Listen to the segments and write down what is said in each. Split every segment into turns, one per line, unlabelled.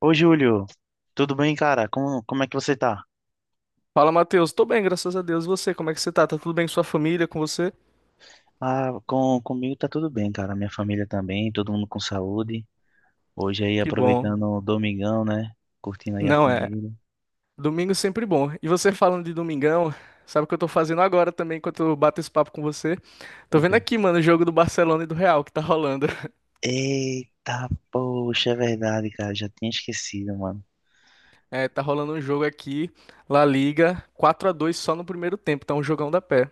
Ô, Júlio, tudo bem, cara? Como é que você tá?
Fala, Matheus. Tô bem, graças a Deus. E você, como é que você tá? Tá tudo bem com sua família, com você?
Ah, comigo tá tudo bem, cara. Minha família também, todo mundo com saúde. Hoje aí,
Que bom.
aproveitando o domingão, né? Curtindo aí a
Não é.
família.
Domingo é sempre bom. E você falando de domingão, sabe o que eu tô fazendo agora também, enquanto eu bato esse papo com você? Tô
Ok.
vendo aqui, mano, o jogo do Barcelona e do Real que tá rolando.
Eita, poxa, é verdade, cara. Já tinha esquecido, mano.
É, tá rolando um jogo aqui, La Liga, 4-2 só no primeiro tempo. Tá um jogão da pé.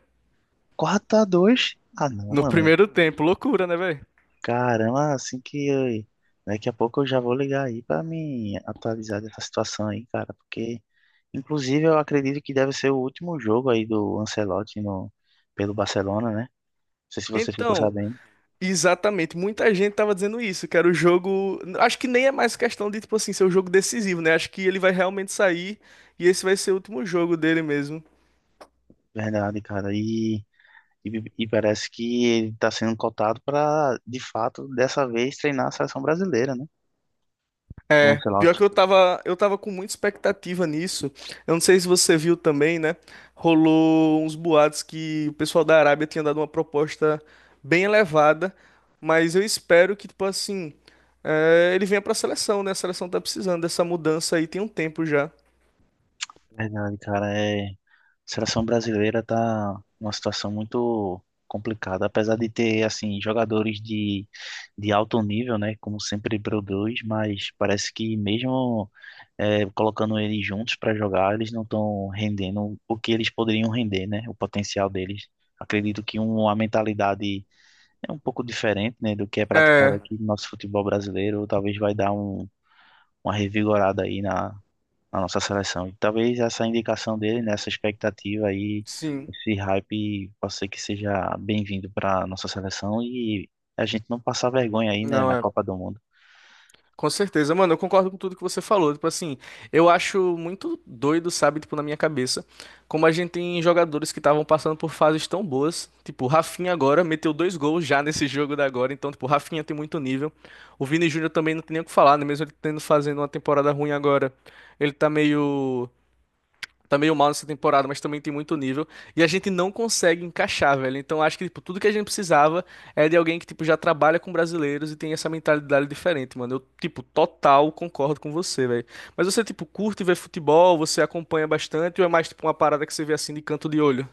4 a dois? Ah, não,
No
mano.
primeiro tempo. Loucura, né, velho?
Caramba, daqui a pouco eu já vou ligar aí para me atualizar dessa situação aí, cara, porque inclusive eu acredito que deve ser o último jogo aí do Ancelotti pelo Barcelona, né? Não sei se você ficou
Então,
sabendo,
exatamente, muita gente tava dizendo isso, que era o jogo. Acho que nem é mais questão de, tipo assim, ser o jogo decisivo, né? Acho que ele vai realmente sair e esse vai ser o último jogo dele mesmo.
verdade, cara. E, e parece que ele tá sendo cotado para, de fato, dessa vez treinar a seleção brasileira, né? O
É, pior
Ancelotti.
que eu tava com muita expectativa nisso. Eu não sei se você viu também, né? Rolou uns boatos que o pessoal da Arábia tinha dado uma proposta bem elevada, mas eu espero que, tipo assim, ele venha pra seleção, né? A seleção tá precisando dessa mudança aí tem um tempo já.
Verdade, cara, a seleção brasileira tá numa situação muito complicada, apesar de ter assim jogadores de alto nível, né, como sempre produz, mas parece que mesmo colocando eles juntos para jogar, eles não estão rendendo o que eles poderiam render, né, o potencial deles. Acredito que uma mentalidade um pouco diferente, né, do que é praticado
É,
aqui no nosso futebol brasileiro, talvez vai dar uma revigorada aí na nossa seleção. E talvez essa indicação dele, né, essa expectativa aí,
sim.
esse hype, possa ser que seja bem-vindo para nossa seleção e a gente não passar vergonha aí, né,
Não,
na
é.
Copa do Mundo.
Com certeza, mano, eu concordo com tudo que você falou. Tipo assim, eu acho muito doido, sabe, tipo, na minha cabeça, como a gente tem jogadores que estavam passando por fases tão boas. Tipo, o Rafinha agora meteu dois gols já nesse jogo da agora, então, tipo, o Rafinha tem muito nível. O Vini Júnior também não tem nem o que falar, né? Mesmo ele tendo fazendo uma temporada ruim agora, ele tá meio mal nessa temporada, mas também tem muito nível. E a gente não consegue encaixar, velho. Então acho que, tipo, tudo que a gente precisava é de alguém que, tipo, já trabalha com brasileiros e tem essa mentalidade diferente, mano. Eu, tipo, total concordo com você, velho. Mas você, tipo, curte ver futebol, você acompanha bastante ou é mais, tipo, uma parada que você vê assim de canto de olho?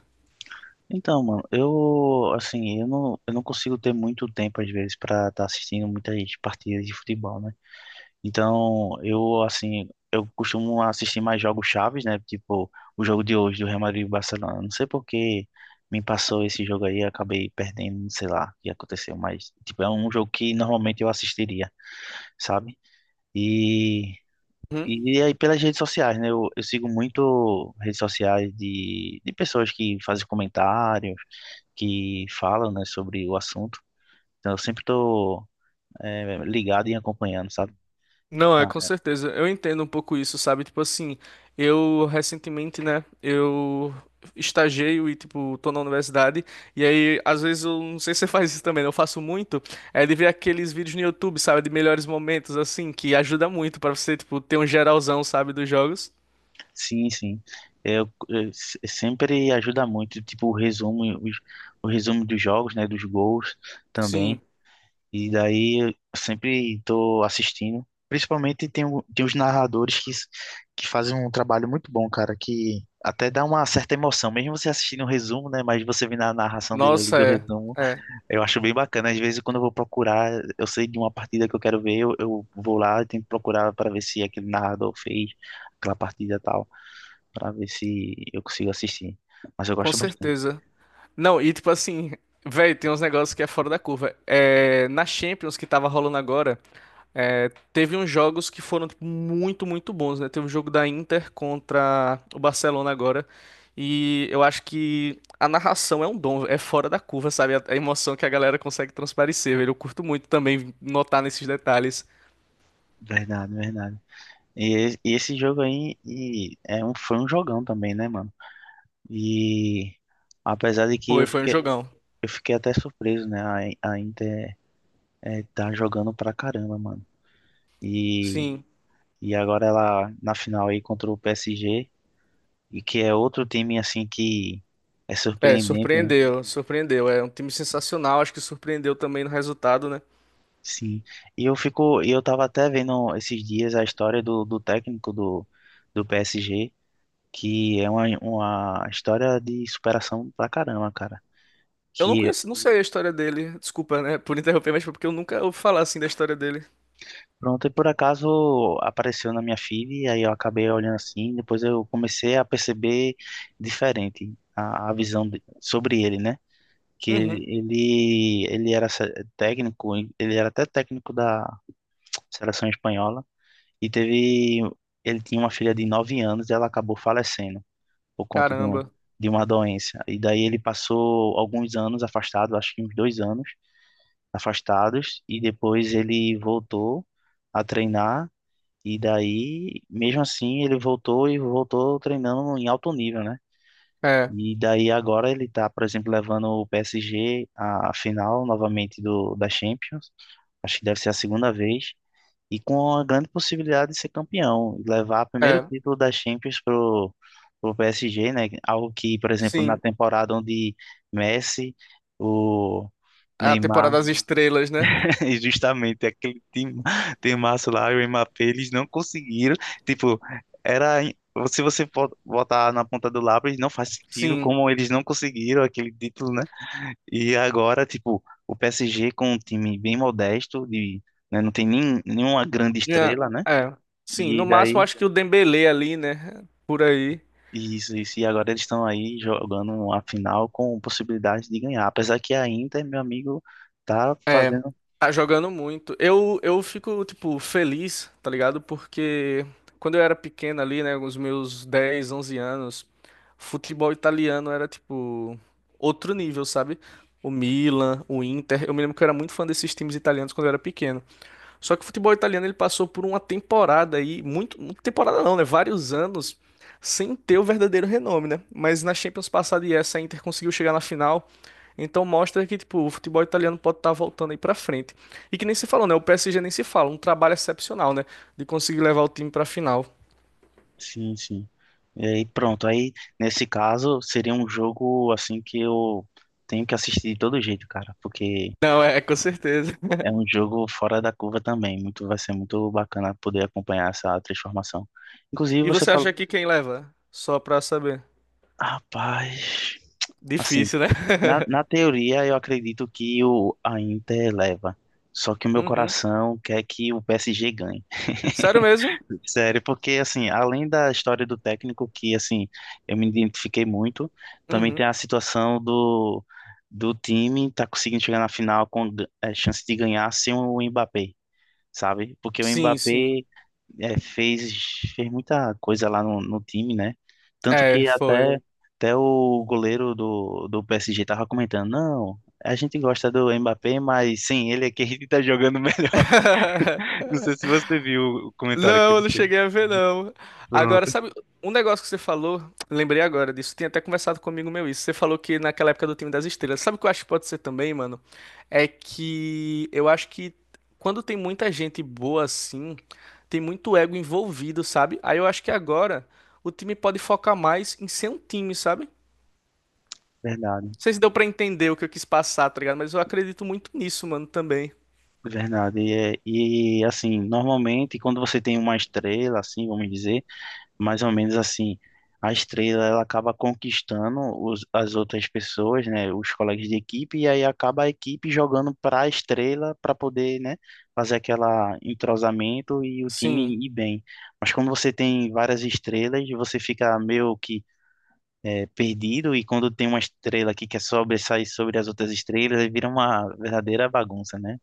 Então, mano, eu, assim, eu não consigo ter muito tempo, às vezes, para estar assistindo muitas partidas de futebol, né? Então, eu, assim, eu costumo assistir mais jogos chaves, né? Tipo, o jogo de hoje do Real Madrid e Barcelona. Não sei por que me passou esse jogo aí, eu acabei perdendo, não sei lá o que aconteceu, mas, tipo, é um jogo que normalmente eu assistiria, sabe? E,
Hum?
e aí pelas redes sociais, né? Eu sigo muito redes sociais de pessoas que fazem comentários, que falam, né, sobre o assunto. Então, eu sempre tô, ligado e acompanhando, sabe?
Não, é com certeza. Eu entendo um pouco isso, sabe? Tipo assim, eu recentemente, né, eu estagiei e, tipo, tô na universidade, e aí, às vezes, eu não sei se você faz isso também, né? Eu faço muito, é de ver aqueles vídeos no YouTube, sabe? De melhores momentos, assim, que ajuda muito pra você, tipo, ter um geralzão, sabe, dos jogos.
Sim, sim. É, eu se- sempre ajuda muito, tipo, o resumo dos jogos, né, dos gols também.
Sim.
E daí eu sempre tô assistindo. Principalmente tem os narradores que fazem um trabalho muito bom, cara, que até dá uma certa emoção. Mesmo você assistindo o resumo, né, mas você vendo a narração dele ali
Nossa,
do
é.
resumo,
É.
eu acho bem bacana. Às vezes quando eu vou procurar, eu sei de uma partida que eu quero ver, eu vou lá e tento procurar para ver se aquele narrador fez aquela partida e tal pra ver se eu consigo assistir. Mas eu
Com
gosto bastante.
certeza. Não, e tipo assim, velho, tem uns negócios que é fora da curva. É, na Champions que tava rolando agora, teve uns jogos que foram tipo, muito, muito bons, né? Teve um jogo da Inter contra o Barcelona agora. E eu acho que a narração é um dom, é fora da curva, sabe? A emoção que a galera consegue transparecer, velho. Eu curto muito também notar nesses detalhes.
Verdade, verdade. E esse jogo aí foi um jogão também, né, mano? E apesar de que
Foi, foi um jogão.
eu fiquei até surpreso, né? A Inter tá jogando pra caramba, mano. E,
Sim.
e agora ela na final aí contra o PSG, e que é outro time assim que é
É,
surpreendente, né?
surpreendeu, surpreendeu. É um time sensacional, acho que surpreendeu também no resultado, né?
Sim. E eu fico, e eu tava até vendo esses dias a história do técnico do PSG que é uma história de superação pra caramba, cara.
Eu não
Que
conheço, não sei a história dele. Desculpa, né, por interromper, mas foi porque eu nunca ouvi falar assim da história dele.
pronto, e por acaso apareceu na minha feed, aí eu acabei olhando assim, depois eu comecei a perceber diferente a visão sobre ele, né? Que
Uhum.
ele era técnico, ele era até técnico da seleção espanhola, e teve, ele tinha uma filha de 9 anos e ela acabou falecendo por conta
Caramba.
de uma doença. E daí ele passou alguns anos afastado, acho que uns dois anos, afastados e depois ele voltou a treinar e daí, mesmo assim, ele voltou e voltou treinando em alto nível, né?
É,
E daí agora ele tá, por exemplo, levando o PSG à final novamente do da Champions. Acho que deve ser a segunda vez e com a grande possibilidade de ser campeão, levar o primeiro
é.
título da Champions pro PSG, né? Algo que, por exemplo, na
Sim.
temporada onde Messi, o
A temporada
Neymar
das estrelas, né?
e justamente aquele time, timaço lá, o Mbappé, eles não conseguiram. Tipo, era. Se você for botar na ponta do lápis, não faz sentido
Sim.
como eles não conseguiram aquele título, né? E agora, tipo, o PSG com um time bem modesto, né, não tem nem, nenhuma grande
É.
estrela, né?
É. Sim,
E
no máximo
daí.
acho que o Dembélé ali, né? Por aí.
Isso, e agora eles estão aí jogando a final com possibilidade de ganhar. Apesar que a Inter, meu amigo, tá
É,
fazendo.
tá jogando muito. Eu fico, tipo, feliz, tá ligado? Porque quando eu era pequeno ali, né, com os meus 10, 11 anos, futebol italiano era, tipo, outro nível, sabe? O Milan, o Inter. Eu me lembro que eu era muito fã desses times italianos quando eu era pequeno. Só que o futebol italiano ele passou por uma temporada aí, muito, muito temporada não, né? Vários anos sem ter o verdadeiro renome, né? Mas na Champions passada e essa a Inter conseguiu chegar na final. Então mostra que tipo, o futebol italiano pode estar voltando aí pra frente. E que nem se falou, né? O PSG nem se fala, um trabalho excepcional, né? De conseguir levar o time pra final.
Sim, sim. E aí, pronto. Aí, nesse caso, seria um jogo assim que eu tenho que assistir de todo jeito, cara, porque
Não, é, com certeza.
é um jogo fora da curva também. Muito, vai ser muito bacana poder acompanhar essa transformação. Inclusive,
E
você
você
falou,
acha que quem leva? Só pra saber.
rapaz, assim,
Difícil, né?
na teoria eu acredito que o a Inter leva, só que o meu
Uhum.
coração quer que o PSG ganhe.
Sério mesmo?
Sério, porque assim, além da história do técnico, que assim, eu me identifiquei muito, também tem
Uhum.
a situação do time tá conseguindo chegar na final com chance de ganhar sem o Mbappé, sabe? Porque o
Sim,
Mbappé
sim.
é, fez, fez muita coisa lá no time, né? Tanto
É,
que
foi.
até, até o goleiro do PSG tava comentando, não, a gente gosta do Mbappé, mas sim, ele é quem tá jogando melhor. Não sei se você viu o comentário que
Não, eu
ele
não
fez.
cheguei a ver, não. Agora,
Pronto.
sabe, um negócio que você falou, lembrei agora disso, tinha até conversado comigo meu isso. Você falou que naquela época do time das estrelas. Sabe o que eu acho que pode ser também, mano? É que eu acho que quando tem muita gente boa assim, tem muito ego envolvido, sabe? Aí eu acho que agora o time pode focar mais em ser um time, sabe?
Verdade,
Não sei se deu pra entender o que eu quis passar, tá ligado? Mas eu acredito muito nisso, mano, também.
verdade. E assim, normalmente quando você tem uma estrela, assim, vamos dizer, mais ou menos assim, a estrela ela acaba conquistando os, as outras pessoas, né, os colegas de equipe, e aí acaba a equipe jogando para a estrela para poder, né, fazer aquela entrosamento e o
Sim,
time ir bem. Mas quando você tem várias estrelas, você fica meio que perdido, e quando tem uma estrela que quer sobressair sobre as outras estrelas, aí vira uma verdadeira bagunça, né?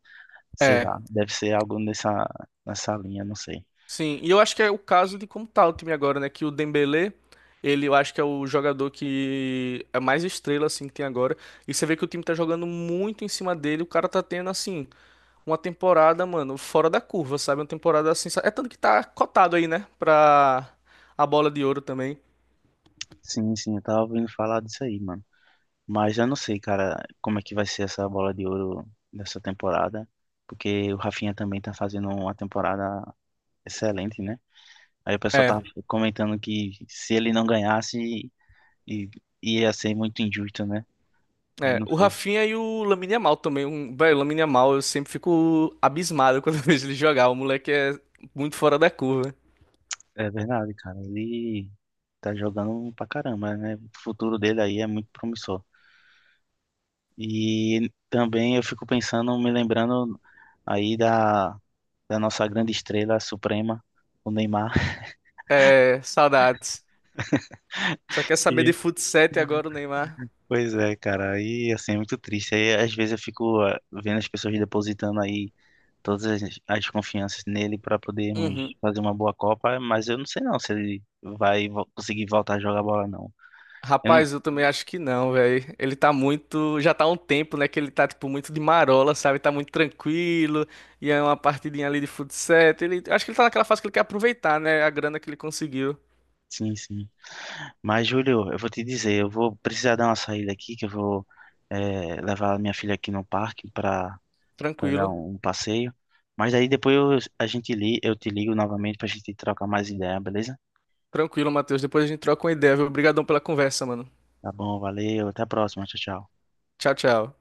Sei
é.
lá, deve ser algo nessa linha, não sei.
Sim, e eu acho que é o caso de como tá o time agora, né? Que o Dembélé, ele eu acho que é o jogador que é mais estrela, assim, que tem agora. E você vê que o time tá jogando muito em cima dele. O cara tá tendo, assim, uma temporada, mano, fora da curva, sabe? Uma temporada assim. Sa- é tanto que tá cotado aí, né? Pra a bola de ouro também.
Sim, sim, eu tava ouvindo falar disso aí, mano. Mas eu não sei, cara, como é que vai ser essa bola de ouro dessa temporada, porque o Rafinha também tá fazendo uma temporada excelente, né? Aí o pessoal
É,
tava comentando que se ele não ganhasse, i- ia ser muito injusto, né? Eu
é.
não
O
sei.
Rafinha e o Lamine Yamal também. Um, velho, o Lamine Yamal, eu sempre fico abismado quando eu vejo ele jogar. O moleque é muito fora da curva.
É verdade, cara, ele tá jogando pra caramba, né? O futuro dele aí é muito promissor. E também eu fico pensando, me lembrando aí da nossa grande estrela suprema, o Neymar.
É, saudades. Só quer saber de
Que...
futsal e agora o Neymar?
Pois é, cara, aí assim é muito triste. Aí às vezes eu fico ah, vendo as pessoas depositando aí as confianças nele para podermos
Uhum.
fazer uma boa Copa, mas eu não sei não se ele vai conseguir voltar a jogar bola não. Eu não...
Rapaz, eu também acho que não, velho. Ele tá muito. Já tá há um tempo, né? Que ele tá, tipo, muito de marola, sabe? Tá muito tranquilo. E é uma partidinha ali de futsal. Ele... Acho que ele tá naquela fase que ele quer aproveitar, né? A grana que ele conseguiu.
Sim, sim. Mas Júlio, eu vou te dizer, eu vou precisar dar uma saída aqui, que eu vou levar a minha filha aqui no parque para dar
Tranquilo.
um passeio. Mas aí depois a gente li, eu te ligo novamente para a gente trocar mais ideia, beleza?
Tranquilo, Matheus. Depois a gente troca uma ideia, viu? Obrigadão pela conversa, mano.
Tá bom, valeu, até a próxima, tchau, tchau.
Tchau, tchau.